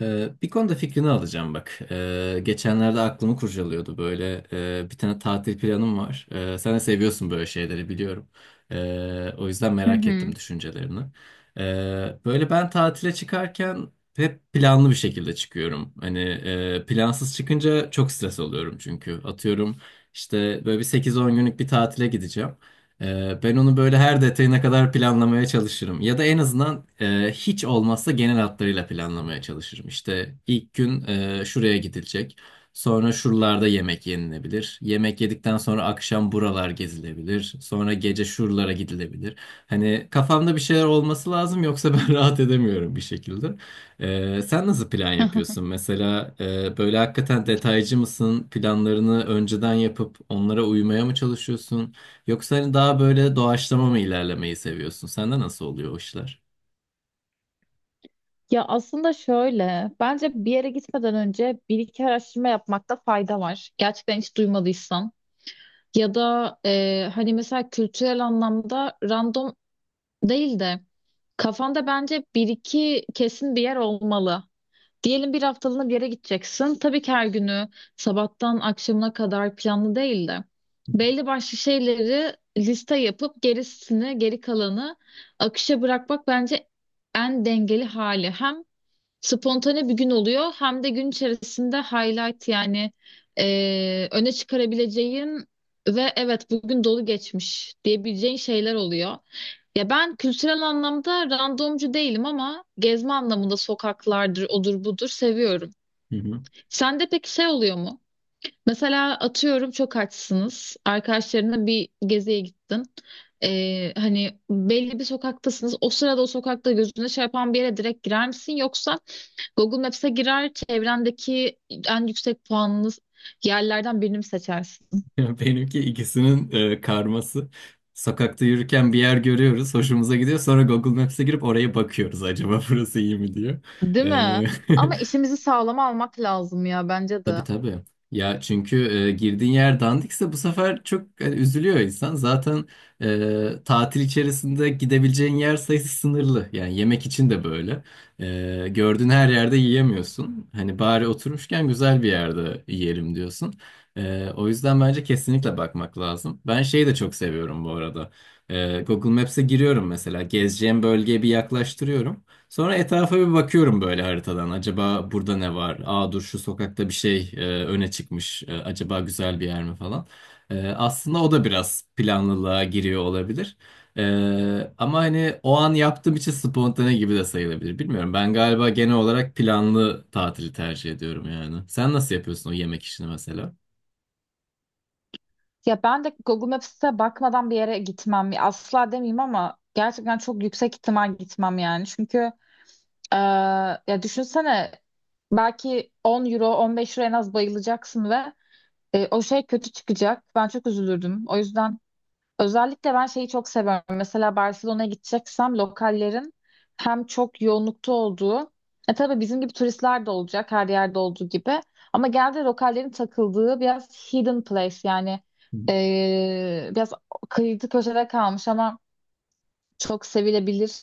Bir konuda fikrini alacağım bak. Geçenlerde aklımı kurcalıyordu böyle. Bir tane tatil planım var. Sen de seviyorsun böyle şeyleri biliyorum. O yüzden Hı merak ettim hı. düşüncelerini. Böyle ben tatile çıkarken hep planlı bir şekilde çıkıyorum. Hani plansız çıkınca çok stres oluyorum çünkü. Atıyorum işte böyle 8-10 günlük bir tatile gideceğim. Ben onu böyle her detayına kadar planlamaya çalışırım. Ya da en azından hiç olmazsa genel hatlarıyla planlamaya çalışırım. İşte ilk gün şuraya gidilecek. Sonra şuralarda yemek yenilebilir. Yemek yedikten sonra akşam buralar gezilebilir. Sonra gece şuralara gidilebilir. Hani kafamda bir şeyler olması lazım, yoksa ben rahat edemiyorum bir şekilde. Sen nasıl plan yapıyorsun? Mesela böyle hakikaten detaycı mısın? Planlarını önceden yapıp onlara uymaya mı çalışıyorsun? Yoksa hani daha böyle doğaçlama mı ilerlemeyi seviyorsun? Sende nasıl oluyor o işler? Ya aslında şöyle, bence bir yere gitmeden önce bir iki araştırma yapmakta fayda var. Gerçekten hiç duymadıysan. Ya da hani mesela kültürel anlamda random değil de kafanda bence bir iki kesin bir yer olmalı. Diyelim bir haftalığına bir yere gideceksin. Tabii ki her günü sabahtan akşamına kadar planlı değil de belli başlı şeyleri liste yapıp gerisini, geri kalanı akışa bırakmak bence en dengeli hali. Hem spontane bir gün oluyor. Hem de gün içerisinde highlight yani öne çıkarabileceğin ve evet bugün dolu geçmiş diyebileceğin şeyler oluyor. Ya ben kültürel anlamda randomcu değilim ama gezme anlamında sokaklardır, odur budur seviyorum. Hı hı. Sende peki şey oluyor mu? Mesela atıyorum çok açsınız. Arkadaşlarına bir geziye gittin. Hani belli bir sokaktasınız. O sırada o sokakta gözüne şey yapan bir yere direkt girer misin? Yoksa Google Maps'e girer, çevrendeki en yüksek puanlı yerlerden birini mi seçersin? Benimki ikisinin karması. Sokakta yürürken bir yer görüyoruz, hoşumuza gidiyor. Sonra Google Maps'e girip oraya bakıyoruz, acaba burası iyi mi diyor. Değil E, mi? Ama işimizi sağlama almak lazım ya bence de. Tabii tabii. Ya çünkü girdiğin yer dandikse bu sefer çok hani, üzülüyor insan. Zaten tatil içerisinde gidebileceğin yer sayısı sınırlı. Yani yemek için de böyle. Gördüğün her yerde yiyemiyorsun. Hani bari oturmuşken güzel bir yerde yiyelim diyorsun. O yüzden bence kesinlikle bakmak lazım. Ben şeyi de çok seviyorum bu arada. Google Maps'e giriyorum mesela. Gezeceğim bölgeye bir yaklaştırıyorum. Sonra etrafa bir bakıyorum böyle haritadan. Acaba burada ne var? Aa, dur, şu sokakta bir şey öne çıkmış. Acaba güzel bir yer mi falan. Aslında o da biraz planlılığa giriyor olabilir. Ama hani o an yaptığım için spontane gibi de sayılabilir. Bilmiyorum. Ben galiba genel olarak planlı tatili tercih ediyorum yani. Sen nasıl yapıyorsun o yemek işini mesela? Ya ben de Google Maps'e bakmadan bir yere gitmem. Asla demeyeyim ama gerçekten çok yüksek ihtimal gitmem yani. Çünkü eee, ya düşünsene belki 10 euro, 15 euro en az bayılacaksın ve o şey kötü çıkacak. Ben çok üzülürdüm. O yüzden özellikle ben şeyi çok seviyorum. Mesela Barcelona'ya gideceksem lokallerin hem çok yoğunlukta olduğu, tabii bizim gibi turistler de olacak, her yerde olduğu gibi. Ama genelde lokallerin takıldığı biraz hidden place, yani biraz kıyıda köşede kalmış ama çok sevilebilir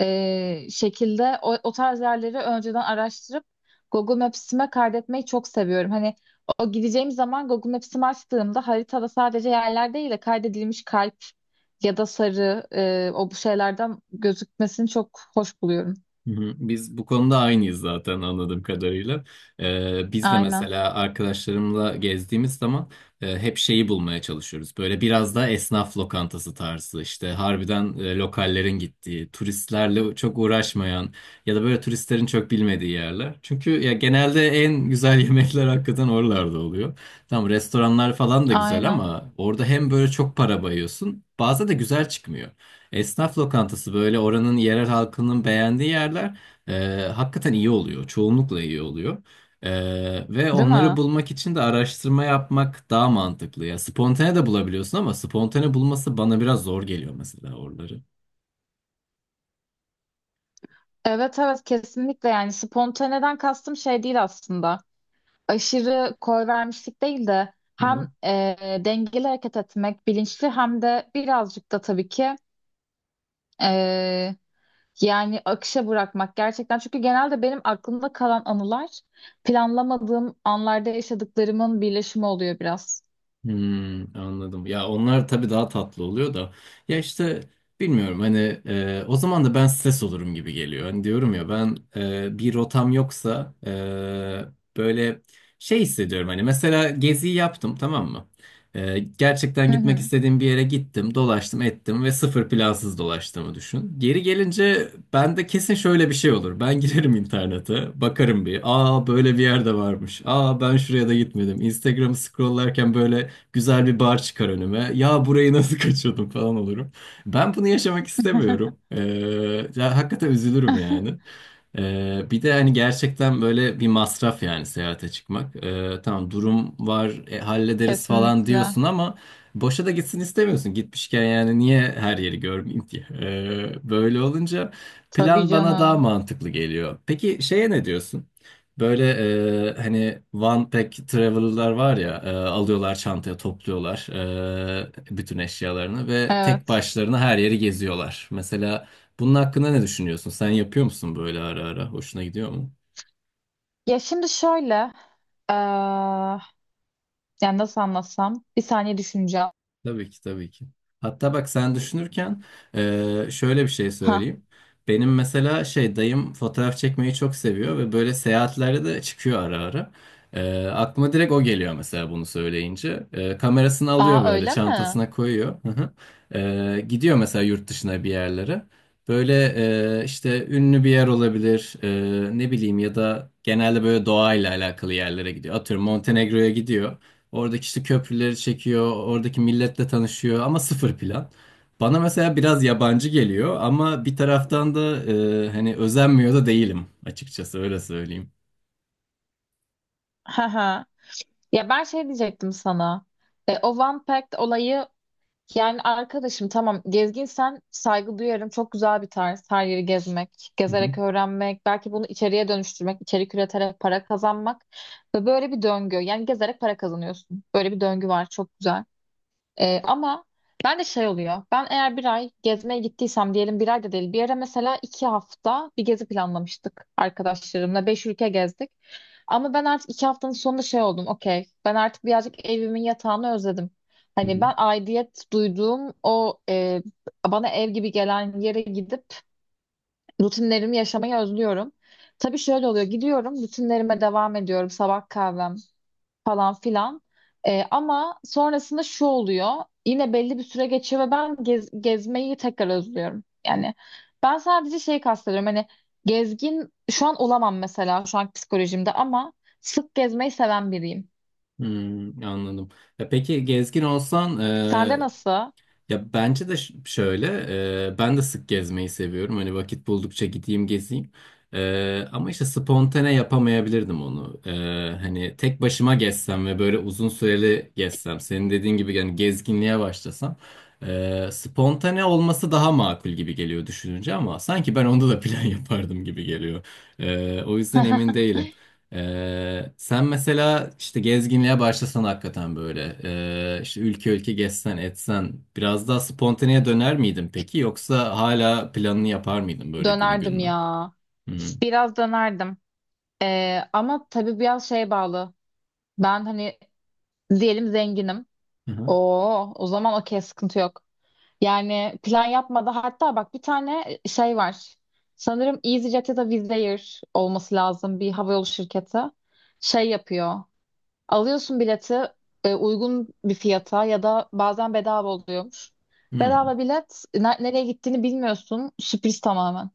şekilde o tarz yerleri önceden araştırıp Google Maps'ime kaydetmeyi çok seviyorum. Hani o gideceğim zaman Google Maps'imi açtığımda haritada sadece yerler değil de kaydedilmiş kalp ya da sarı o bu şeylerden gözükmesini çok hoş buluyorum. Hı hı. Biz bu konuda aynıyız zaten anladığım kadarıyla. Biz de Aynen, mesela arkadaşlarımla gezdiğimiz zaman hep şeyi bulmaya çalışıyoruz. Böyle biraz daha esnaf lokantası tarzı, işte harbiden lokallerin gittiği, turistlerle çok uğraşmayan ya da böyle turistlerin çok bilmediği yerler. Çünkü ya genelde en güzel yemekler hakikaten oralarda oluyor. Tamam, restoranlar falan da güzel aynen. ama orada hem böyle çok para bayıyorsun, bazen de güzel çıkmıyor. Esnaf lokantası, böyle oranın yerel halkının beğendiği yerler hakikaten iyi oluyor. Çoğunlukla iyi oluyor. E, Ve Değil onları mi? bulmak için de araştırma yapmak daha mantıklı ya. Spontane de bulabiliyorsun ama spontane bulması bana biraz zor geliyor mesela oraları. Evet evet, kesinlikle. Yani spontaneden kastım şey değil aslında. Aşırı koy vermişlik değil de hem dengeli hareket etmek, bilinçli, hem de birazcık da tabii ki e, yani akışa bırakmak gerçekten. Çünkü genelde benim aklımda kalan anılar planlamadığım anlarda yaşadıklarımın birleşimi oluyor biraz. Hmm, anladım. Ya onlar tabii daha tatlı oluyor da. Ya işte bilmiyorum, hani o zaman da ben stres olurum gibi geliyor. Hani diyorum ya, ben bir rotam yoksa böyle şey hissediyorum, hani mesela geziyi yaptım, tamam mı? Gerçekten Hı gitmek hı. istediğim bir yere gittim, dolaştım, ettim ve sıfır plansız dolaştığımı düşün. Geri gelince bende kesin şöyle bir şey olur. Ben girerim internete, bakarım bir. Aa, böyle bir yerde varmış. Aa, ben şuraya da gitmedim. Instagram'ı scrolllarken böyle güzel bir bar çıkar önüme. Ya, burayı nasıl kaçırdım falan olurum. Ben bunu yaşamak istemiyorum. Ya hakikaten üzülürüm yani. Bir de hani gerçekten böyle bir masraf yani seyahate çıkmak. Tamam, durum var, hallederiz falan Kesinlikle. diyorsun ama boşa da gitsin istemiyorsun. Gitmişken yani niye her yeri görmeyeyim diye. Böyle olunca Tabii plan bana daha canım. mantıklı geliyor. Peki şeye ne diyorsun? Böyle hani one pack traveler'lar var ya, alıyorlar çantaya, topluyorlar bütün eşyalarını ve tek Evet. başlarına her yeri geziyorlar. Mesela bunun hakkında ne düşünüyorsun? Sen yapıyor musun böyle ara ara? Hoşuna gidiyor mu? Ya şimdi şöyle, e, yani nasıl anlatsam, bir saniye düşüneceğim. Tabii ki, tabii ki. Hatta bak, sen düşünürken şöyle bir şey Ha. söyleyeyim. Benim mesela şey dayım fotoğraf çekmeyi çok seviyor ve böyle seyahatlerde de çıkıyor ara ara. Aklıma direkt o geliyor mesela bunu söyleyince. Kamerasını Aa alıyor, böyle öyle mi? çantasına koyuyor. Hı hı. Gidiyor mesela yurt dışına bir yerlere. Böyle işte ünlü bir yer olabilir, ne bileyim, ya da genelde böyle doğayla alakalı yerlere gidiyor. Atıyorum Montenegro'ya gidiyor. Oradaki işte köprüleri çekiyor, oradaki milletle tanışıyor ama sıfır plan. Bana mesela biraz yabancı geliyor ama bir taraftan da hani özenmiyor da değilim, açıkçası öyle söyleyeyim. Ha ha. Ya ben şey diyecektim sana. O One Pact olayı, yani arkadaşım tamam, gezginsen saygı duyarım. Çok güzel bir tarz her yeri gezmek, Hı gezerek hı. öğrenmek, belki bunu içeriye dönüştürmek, içerik üreterek para kazanmak ve böyle bir döngü. Yani gezerek para kazanıyorsun. Böyle bir döngü var, çok güzel. Ama ben de şey oluyor. Ben eğer bir ay gezmeye gittiysem, diyelim bir ay da değil, bir yere mesela 2 hafta bir gezi planlamıştık arkadaşlarımla. 5 ülke gezdik. Ama ben artık 2 haftanın sonunda şey oldum. Okey. Ben artık birazcık evimin yatağını özledim. Hani ben aidiyet duyduğum o, bana ev gibi gelen yere gidip rutinlerimi yaşamayı özlüyorum. Tabii şöyle oluyor. Gidiyorum, rutinlerime devam ediyorum. Sabah kahvem, falan filan. Ama sonrasında şu oluyor. Yine belli bir süre geçiyor ve ben gezmeyi tekrar özlüyorum. Yani ben sadece şey kastediyorum. Hani gezgin şu an olamam mesela, şu an psikolojimde, ama sık gezmeyi seven biriyim. Hmm, anladım. Ya peki gezgin olsan Sende nasıl? ya bence de şöyle ben de sık gezmeyi seviyorum. Hani vakit buldukça gideyim gezeyim. Ama işte spontane yapamayabilirdim onu. Hani tek başıma gezsem ve böyle uzun süreli gezsem, senin dediğin gibi yani gezginliğe başlasam spontane olması daha makul gibi geliyor düşününce, ama sanki ben onda da plan yapardım gibi geliyor. O yüzden emin değilim. Sen mesela işte gezginliğe başlasan hakikaten böyle işte ülke ülke gezsen etsen biraz daha spontaneye döner miydin peki, yoksa hala planını yapar mıydın böyle günü Dönerdim gününe? ya. Hı Biraz dönerdim. Ama tabii biraz şeye bağlı. Ben hani diyelim zenginim. hı. Oo, o zaman okey, sıkıntı yok. Yani plan yapmadı. Hatta bak, bir tane şey var. Sanırım EasyJet ya da Wizz Air olması lazım, bir havayolu şirketi. Şey yapıyor. Alıyorsun bileti uygun bir fiyata ya da bazen bedava oluyormuş. Hı. Bedava bilet, nereye gittiğini bilmiyorsun. Sürpriz tamamen.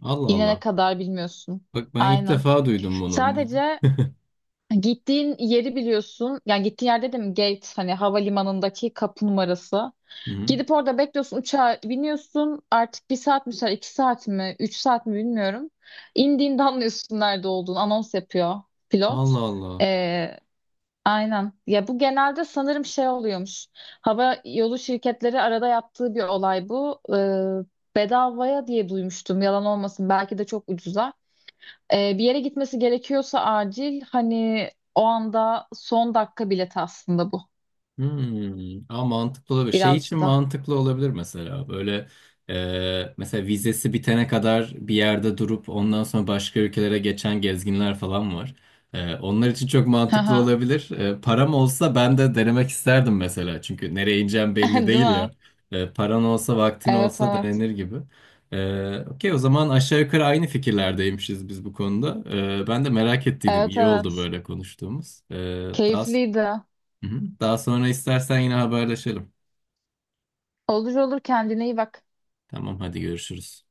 Allah İnene Allah. kadar bilmiyorsun. Bak ben ilk Aynen. defa duydum bunu. Sadece gittiğin yeri biliyorsun. Yani gittiğin yer dedim, gate, hani havalimanındaki kapı numarası. Hı. Gidip orada bekliyorsun, uçağa biniyorsun. Artık 1 saat mi sürer, 2 saat mi, 3 saat mi bilmiyorum. İndiğinde anlıyorsun nerede olduğunu. Anons yapıyor pilot. Allah Allah. Ee, aynen. Ya bu genelde sanırım şey oluyormuş. Hava yolu şirketleri arada yaptığı bir olay bu. Bedavaya diye duymuştum. Yalan olmasın, belki de çok ucuza. Bir yere gitmesi gerekiyorsa acil, hani o anda son dakika bileti aslında bu, Hmm, ama mantıklı olabilir. Şey için birazcık da. mantıklı olabilir mesela. Böyle mesela vizesi bitene kadar bir yerde durup ondan sonra başka ülkelere geçen gezginler falan var. Onlar için çok Hı mantıklı hı. olabilir. Param olsa ben de denemek isterdim mesela. Çünkü nereye ineceğim belli Değil değil ya. mi? Paran olsa vaktin Evet olsa evet. denenir gibi. Okey, o zaman aşağı yukarı aynı fikirlerdeymişiz biz bu konuda. Ben de merak ettiydim. Evet İyi oldu evet. böyle konuştuğumuz. E, daha Keyifliydi. Hı hı. Daha sonra istersen yine haberleşelim. Olur olur, kendine iyi bak. Tamam, hadi görüşürüz.